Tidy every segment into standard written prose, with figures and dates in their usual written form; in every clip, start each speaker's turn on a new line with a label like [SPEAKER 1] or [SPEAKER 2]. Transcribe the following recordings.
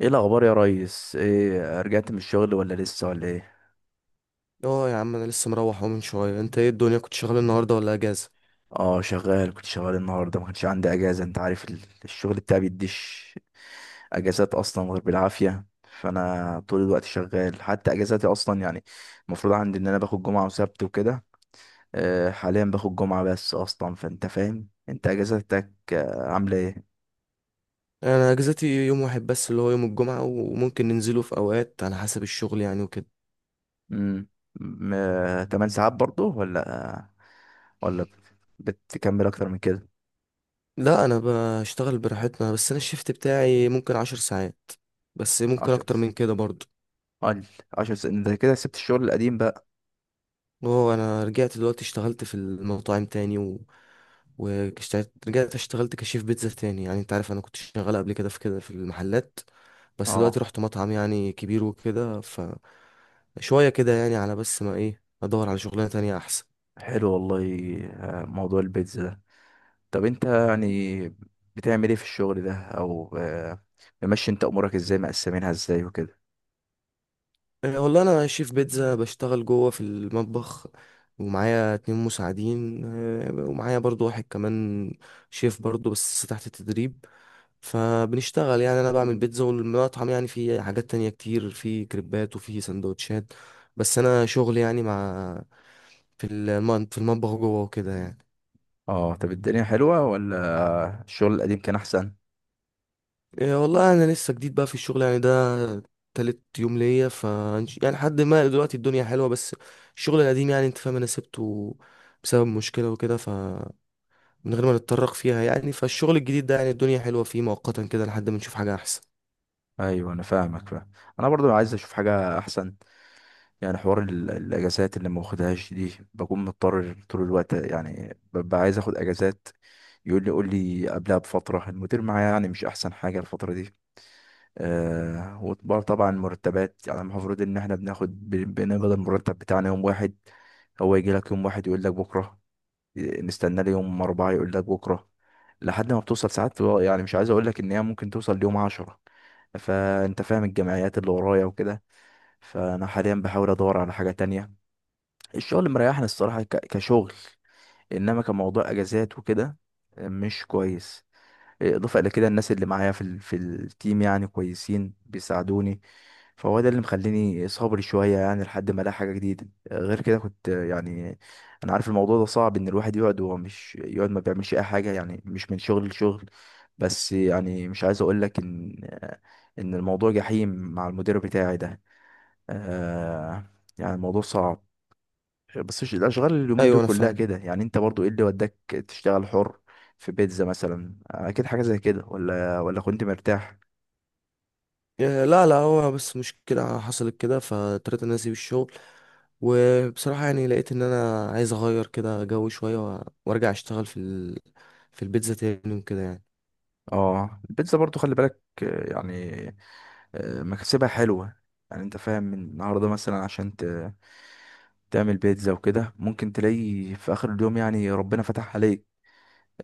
[SPEAKER 1] ايه الاخبار يا ريس؟ ايه، رجعت من الشغل ولا لسه ولا ايه؟
[SPEAKER 2] اه يا عم انا لسه مروح اهو من شويه. انت ايه الدنيا؟ كنت شغال النهارده ولا اجازه؟
[SPEAKER 1] اه، شغال. كنت شغال النهارده، ما كانش عندي اجازه. انت عارف الشغل بتاعي بيديش اجازات اصلا غير بالعافيه، فانا طول الوقت شغال. حتى اجازاتي اصلا يعني المفروض عندي ان انا باخد جمعه وسبت وكده. حاليا باخد جمعه بس اصلا. فانت فاهم، انت اجازاتك عامله ايه؟
[SPEAKER 2] انا اجازتي يوم واحد بس اللي هو يوم الجمعه، وممكن ننزله في اوقات على حسب الشغل يعني وكده.
[SPEAKER 1] امم 8 ساعات برضه؟ ولا ولا بتكمل اكتر من كده؟
[SPEAKER 2] لا انا بشتغل براحتنا، بس انا الشيفت بتاعي ممكن عشر ساعات، بس ممكن
[SPEAKER 1] 10؟
[SPEAKER 2] اكتر من كده برضه.
[SPEAKER 1] قال عشر سنين. ده كده سبت الشغل القديم بقى.
[SPEAKER 2] اه انا رجعت دلوقتي اشتغلت في المطاعم تاني و... واشتغلت رجعت اشتغلت كشيف بيتزا تاني، يعني انت عارف انا كنت شغال قبل كده في كده في المحلات، بس دلوقتي
[SPEAKER 1] اه،
[SPEAKER 2] رحت مطعم يعني كبير وكده ف شوية كده يعني على بس ما ايه، ادور على شغلانة تانية احسن.
[SPEAKER 1] حلو والله. موضوع البيتزا ده، طب انت يعني بتعمل ايه في الشغل ده؟ او ممشي انت امورك ازاي، مقسمينها ازاي وكده؟
[SPEAKER 2] إيه والله انا شيف بيتزا بشتغل جوه في المطبخ، ومعايا اتنين مساعدين، ومعايا برضو واحد كمان شيف برضو بس تحت التدريب. فبنشتغل يعني انا بعمل بيتزا، والمطعم يعني في حاجات تانية كتير، في كريبات وفي سندوتشات، بس انا شغل يعني مع في في المطبخ جوه وكده يعني.
[SPEAKER 1] اه، طب الدنيا حلوة ولا الشغل القديم كان احسن؟
[SPEAKER 2] إيه والله انا لسه جديد بقى في الشغل يعني ده، تالت يوم ليا ف يعني لحد ما دلوقتي الدنيا حلوة، بس الشغل القديم يعني انت فاهم انا سبته بسبب مشكلة وكده، فمن غير ما نتطرق فيها يعني، فالشغل الجديد ده يعني الدنيا حلوة فيه مؤقتا كده لحد ما نشوف حاجة احسن.
[SPEAKER 1] ايوه، انا فاهمك، فاهم. انا برضو عايز اشوف حاجة احسن. يعني حوار الاجازات اللي ما باخدهاش دي، بكون مضطر طول الوقت. يعني ببقى عايز اخد اجازات، يقول لي قول لي قبلها بفترة. المدير معايا يعني مش أحسن حاجة الفترة دي. آه، وطبعا طبعا مرتبات، يعني المفروض إن احنا بناخد بنقبض المرتب بتاعنا يوم واحد، هو يجي لك يوم واحد يقول لك بكرة. إيه، نستنى لي يوم أربعة يقول لك بكرة. لحد ما بتوصل ساعات يعني مش عايز أقول لك إن هي ممكن توصل ليوم عشرة. فأنت فاهم الجمعيات اللي ورايا وكده. فأنا حاليا بحاول أدور على حاجة تانية. الشغل مريحني الصراحة كشغل، إنما كموضوع أجازات وكده مش كويس. اضافه الى كده، الناس اللي معايا في التيم يعني كويسين، بيساعدوني. فهو ده اللي مخليني صبري شويه، يعني لحد ما الاقي حاجه جديده. غير كده كنت يعني انا عارف الموضوع ده صعب، ان الواحد يقعد وهو مش يقعد ما بيعملش اي حاجه، يعني مش من شغل لشغل. بس يعني مش عايز اقول لك ان ان الموضوع جحيم مع المدير بتاعي ده. آه، يعني الموضوع صعب، بس الاشغال اليومين دول
[SPEAKER 2] ايوه انا
[SPEAKER 1] كلها
[SPEAKER 2] فاهم.
[SPEAKER 1] كده. يعني انت برضو ايه اللي وداك تشتغل حر في بيتزا مثلا؟ اكيد حاجه زي كده، ولا كنت مرتاح؟
[SPEAKER 2] لا لا، هو بس مشكلة حصلت كده، فاضطريت ان انا اسيب الشغل. وبصراحة يعني لقيت ان انا عايز اغير كده جو شوية وارجع اشتغل في في البيتزا تاني وكده يعني.
[SPEAKER 1] اه، البيتزا برضو خلي بالك يعني مكسبها حلوه. يعني انت فاهم، من النهارده مثلا عشان تعمل بيتزا وكده، ممكن تلاقي في اخر اليوم يعني ربنا فتح عليك.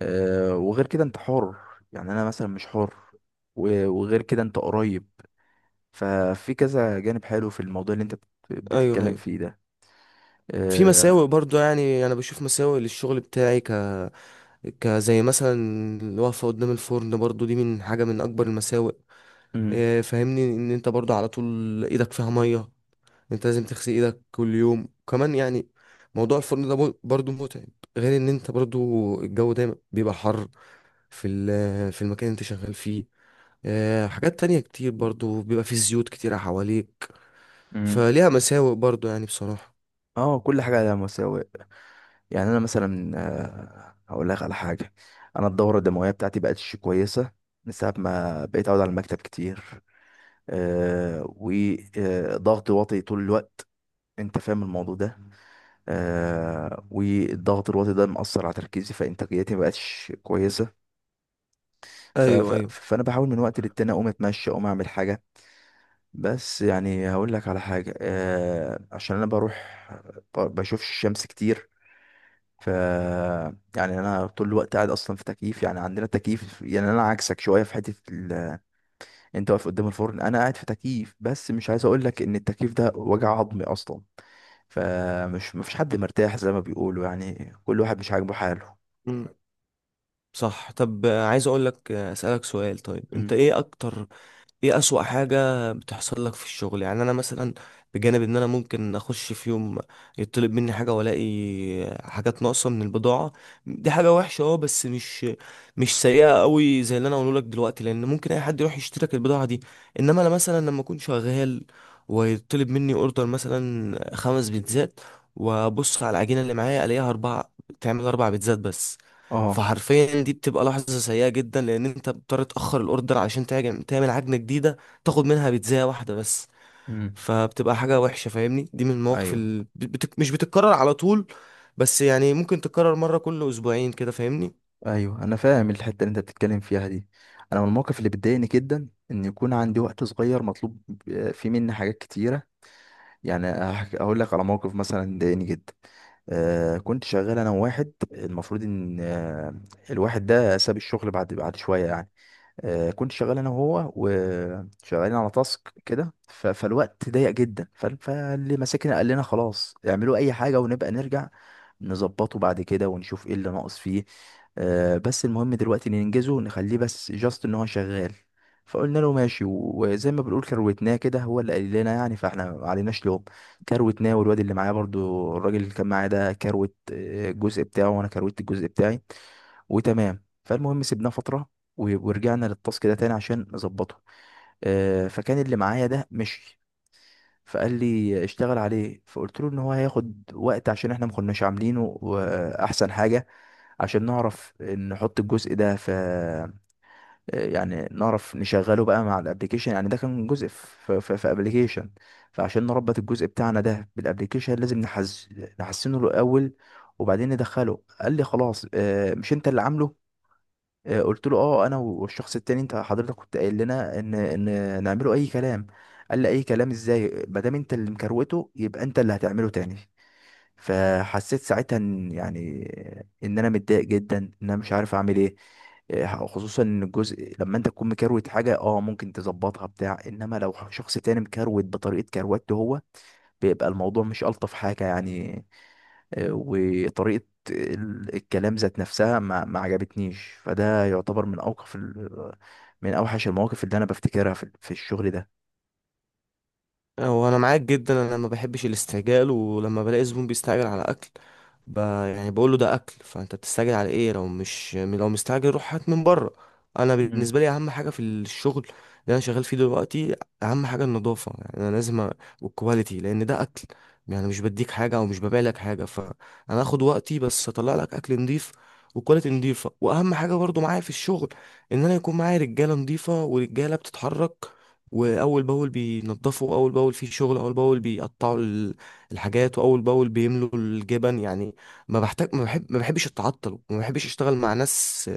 [SPEAKER 1] آه، وغير كده انت حر، يعني انا مثلا مش حر. وغير كده انت قريب. ففي كذا جانب حلو في الموضوع اللي انت
[SPEAKER 2] ايوه
[SPEAKER 1] بتتكلم
[SPEAKER 2] ايوه.
[SPEAKER 1] فيه ده.
[SPEAKER 2] في مساوئ
[SPEAKER 1] آه،
[SPEAKER 2] برضو، يعني انا بشوف مساوئ للشغل بتاعي كزي مثلا الوقفة قدام الفرن، برضو دي من حاجة من اكبر المساوئ.
[SPEAKER 1] امم.
[SPEAKER 2] فاهمني ان انت برضو على طول ايدك فيها مية، انت لازم تغسل ايدك كل يوم كمان يعني. موضوع الفرن ده برضو متعب، غير ان انت برضو الجو دايما بيبقى حر في في المكان اللي انت شغال فيه. حاجات تانية كتير برضو، بيبقى فيه زيوت كتيرة حواليك.
[SPEAKER 1] امم.
[SPEAKER 2] فليها مساوئ برضو يعني بصراحة.
[SPEAKER 1] اه، كل حاجه على مساوئ. يعني انا مثلا، آه، هقول لك على حاجه. انا الدوره الدمويه بتاعتي بقتش كويسه من ساعه ما بقيت اقعد على المكتب كتير. أه، وضغط واطي طول الوقت. انت فاهم الموضوع ده؟ أه، والضغط الواطي ده مأثر على تركيزي، فانتاجيتي مبقتش كويسه.
[SPEAKER 2] ايوه ايوه.
[SPEAKER 1] فانا بحاول من وقت للتاني اقوم اتمشى، اقوم اعمل حاجه. بس يعني هقول لك على حاجه، أه، عشان انا بروح بشوفش الشمس كتير. ف يعني انا طول الوقت قاعد اصلا في تكييف، يعني عندنا تكييف. يعني انا عكسك شويه في حته انت واقف قدام الفرن، انا قاعد في تكييف. بس مش عايز اقول لك ان التكييف ده وجع عظمي اصلا. فمش مفيش حد مرتاح زي ما بيقولوا، يعني كل واحد مش عاجبه حاله.
[SPEAKER 2] مم. صح. طب عايز اقول لك اسالك سؤال. طيب انت
[SPEAKER 1] امم.
[SPEAKER 2] ايه اكتر، ايه اسوأ حاجة بتحصل لك في الشغل؟ يعني انا مثلا بجانب ان انا ممكن اخش في يوم يطلب مني حاجة، والاقي حاجات ناقصة من البضاعة، دي حاجة وحشة. اه بس مش مش سيئة قوي زي اللي انا اقوله لك دلوقتي، لان ممكن اي حد يروح يشترك البضاعة دي. انما انا مثلا لما اكون شغال ويطلب مني اوردر مثلا خمس بيتزات، وابص على العجينة اللي معايا الاقيها اربعة، تعمل اربع بيتزات بس.
[SPEAKER 1] اه.
[SPEAKER 2] فحرفيا دي بتبقى لحظة سيئة جدا، لأن أنت بتضطر تأخر الأوردر عشان تعجن، تعمل عجنة جديدة تاخد منها بيتزاية واحدة بس.
[SPEAKER 1] امم.
[SPEAKER 2] فبتبقى حاجة وحشة، فاهمني، دي من المواقف
[SPEAKER 1] ايوه،
[SPEAKER 2] اللي مش بتتكرر على طول، بس يعني ممكن تتكرر مرة كل أسبوعين كده، فاهمني.
[SPEAKER 1] ايوه انا فاهم الحته اللي انت بتتكلم فيها دي. انا من المواقف اللي بتضايقني جدا ان يكون عندي وقت صغير مطلوب فيه مني حاجات كتيره. يعني هقول لك على موقف مثلا ضايقني جدا. آه، كنت شغال انا وواحد، المفروض ان آه، الواحد ده ساب الشغل بعد شويه يعني. آه، كنت شغال انا وهو، وشغالين على تاسك كده. فالوقت ضيق جدا، فاللي ماسكنا قال لنا خلاص اعملوا اي حاجه، ونبقى نرجع نظبطه بعد كده ونشوف ايه اللي ناقص فيه. آه، بس المهم دلوقتي ننجزه، نخليه بس جاست ان هو شغال. فقلنا له ماشي، وزي ما بنقول كروتناه كده. هو اللي قال لنا يعني، فاحنا ما عليناش لوم. كروتناه، والواد اللي معاه برضو، الراجل اللي كان معاه ده، كروت الجزء بتاعه، وانا كروت الجزء بتاعي. وتمام. فالمهم سيبناه فترة ورجعنا للتاسك ده تاني عشان نظبطه. آه، فكان اللي معايا ده مشي، فقال لي اشتغل عليه. فقلت له ان هو هياخد وقت عشان احنا ما كناش عاملينه، واحسن حاجة عشان نعرف نحط الجزء ده في، يعني نعرف نشغله بقى مع الابليكيشن. يعني ده كان جزء في ابليكيشن. فعشان نربط الجزء بتاعنا ده بالابليكيشن لازم نحسنه الاول وبعدين ندخله. قال لي خلاص مش انت اللي عامله؟ آه، قلت له اه انا والشخص التاني، انت حضرتك كنت قايل لنا ان نعمله اي كلام. قال لي اي كلام ازاي، ما دام انت اللي مكروته يبقى انت اللي هتعمله تاني. فحسيت ساعتها ان يعني ان انا متضايق جدا، ان انا مش عارف اعمل ايه. آه، خصوصا ان الجزء لما انت تكون مكروت حاجه اه ممكن تظبطها بتاع، انما لو شخص تاني مكروت بطريقه كروته هو، بيبقى الموضوع مش ألطف حاجة يعني. آه، وطريقة الكلام ذات نفسها ما عجبتنيش. فده يعتبر من من أوحش المواقف اللي أنا بفتكرها في الشغل ده.
[SPEAKER 2] هو انا معاك جدا، انا ما بحبش الاستعجال، ولما بلاقي زبون بيستعجل على اكل ب... يعني بقول له ده اكل، فانت بتستعجل على ايه؟ لو مش، لو مستعجل روح هات من بره. انا
[SPEAKER 1] مم.
[SPEAKER 2] بالنسبه لي اهم حاجه في الشغل اللي انا شغال فيه دلوقتي، اهم حاجه النظافه، يعني انا لازم والكواليتي، لان ده اكل، يعني مش بديك حاجه او مش ببيع لك حاجه، فانا هاخد وقتي بس اطلع لك اكل نضيف وكواليتي نضيفه. واهم حاجه برضو معايا في الشغل ان انا يكون معايا رجاله نضيفه، ورجاله بتتحرك واول باول بينضفوا، اول باول في شغل، اول باول بيقطعوا الحاجات، واول باول بيملوا الجبن يعني. ما بحتاج، ما بحبش اتعطل، وما بحبش اشتغل مع ناس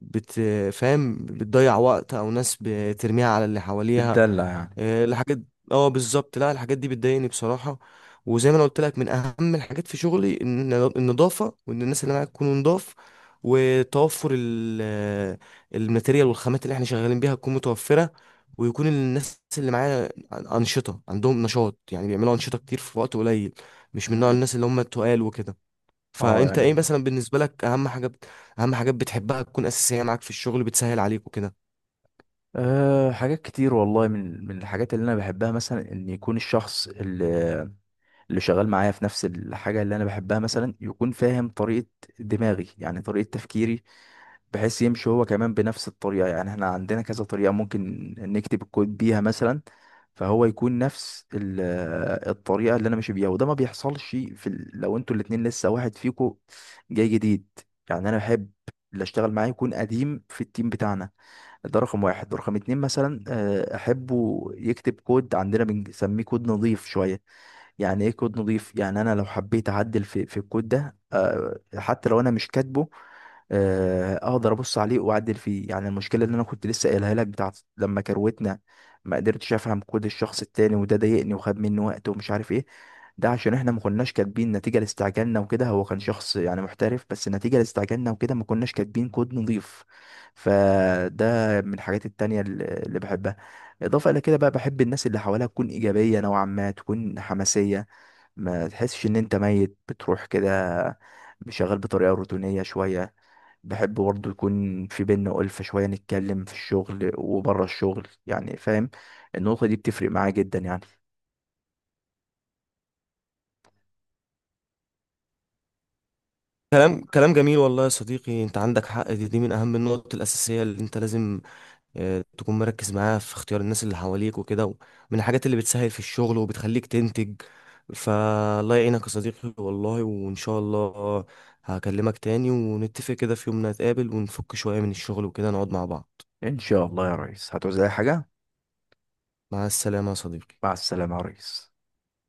[SPEAKER 2] بتفهم بتضيع وقت، او ناس بترميها على اللي حواليها.
[SPEAKER 1] بتدلع يعني.
[SPEAKER 2] الحاجات، اه بالظبط. لا الحاجات دي بتضايقني بصراحة. وزي ما انا قلت لك، من اهم الحاجات في شغلي ان النظافة، وان الناس اللي معاك تكون نضاف، وتوفر الماتيريال والخامات اللي احنا شغالين بيها تكون متوفرة. ويكون الناس اللي معايا أنشطة، عندهم نشاط، يعني بيعملوا أنشطة كتير في وقت قليل، مش من نوع
[SPEAKER 1] مم.
[SPEAKER 2] الناس اللي هم التقال وكده.
[SPEAKER 1] اه،
[SPEAKER 2] فانت ايه
[SPEAKER 1] يعني
[SPEAKER 2] مثلا بالنسبه لك اهم حاجه اهم حاجات بتحبها تكون اساسيه معاك في الشغل، بتسهل عليك وكده؟
[SPEAKER 1] أه حاجات كتير والله. من الحاجات اللي انا بحبها مثلا، ان يكون الشخص اللي شغال معايا في نفس الحاجه اللي انا بحبها مثلا، يكون فاهم طريقه دماغي يعني طريقه تفكيري، بحيث يمشي هو كمان بنفس الطريقة. يعني احنا عندنا كذا طريقة ممكن نكتب الكود بيها مثلا، فهو يكون نفس الطريقة اللي انا ماشي بيها. وده ما بيحصلش في لو انتوا الاتنين لسه واحد فيكو جاي جديد. يعني انا بحب اللي اشتغل معاه يكون قديم في التيم بتاعنا. ده رقم واحد. رقم اتنين مثلا، آه، احبه يكتب كود، عندنا بنسميه كود نظيف شوية. يعني ايه كود نضيف؟ يعني انا لو حبيت اعدل في الكود ده، آه، حتى لو انا مش كاتبه، آه، اقدر ابص عليه واعدل فيه. يعني المشكله اللي انا كنت لسه قايلها لك بتاعت لما كروتنا، ما قدرتش افهم كود الشخص التاني، وده ضايقني وخد مني وقت ومش عارف ايه. ده عشان احنا ما كناش كاتبين نتيجه لاستعجالنا وكده. هو كان شخص يعني محترف، بس نتيجه لاستعجالنا وكده ما كناش كاتبين كود نضيف. فده من الحاجات التانية اللي بحبها. اضافه الى كده بقى، بحب الناس اللي حواليها تكون ايجابيه نوعا ما، تكون حماسيه، ما تحسش ان انت ميت بتروح كده شغال بطريقه روتينيه شويه. بحب برضه يكون في بينا ألفة شويه، نتكلم في الشغل وبره الشغل. يعني فاهم، النقطه دي بتفرق معايا جدا يعني.
[SPEAKER 2] كلام جميل والله يا صديقي، انت عندك حق. دي من اهم النقط الاساسيه اللي انت لازم تكون مركز معاها في اختيار الناس اللي حواليك وكده، من الحاجات اللي بتسهل في الشغل وبتخليك تنتج. فالله يعينك يا صديقي والله، وان شاء الله هكلمك تاني ونتفق كده في يوم، نتقابل ونفك شويه من الشغل وكده، نقعد مع بعض.
[SPEAKER 1] ان شاء الله يا ريس، هتعوز اي حاجه.
[SPEAKER 2] مع السلامه يا صديقي.
[SPEAKER 1] مع السلامه يا ريس.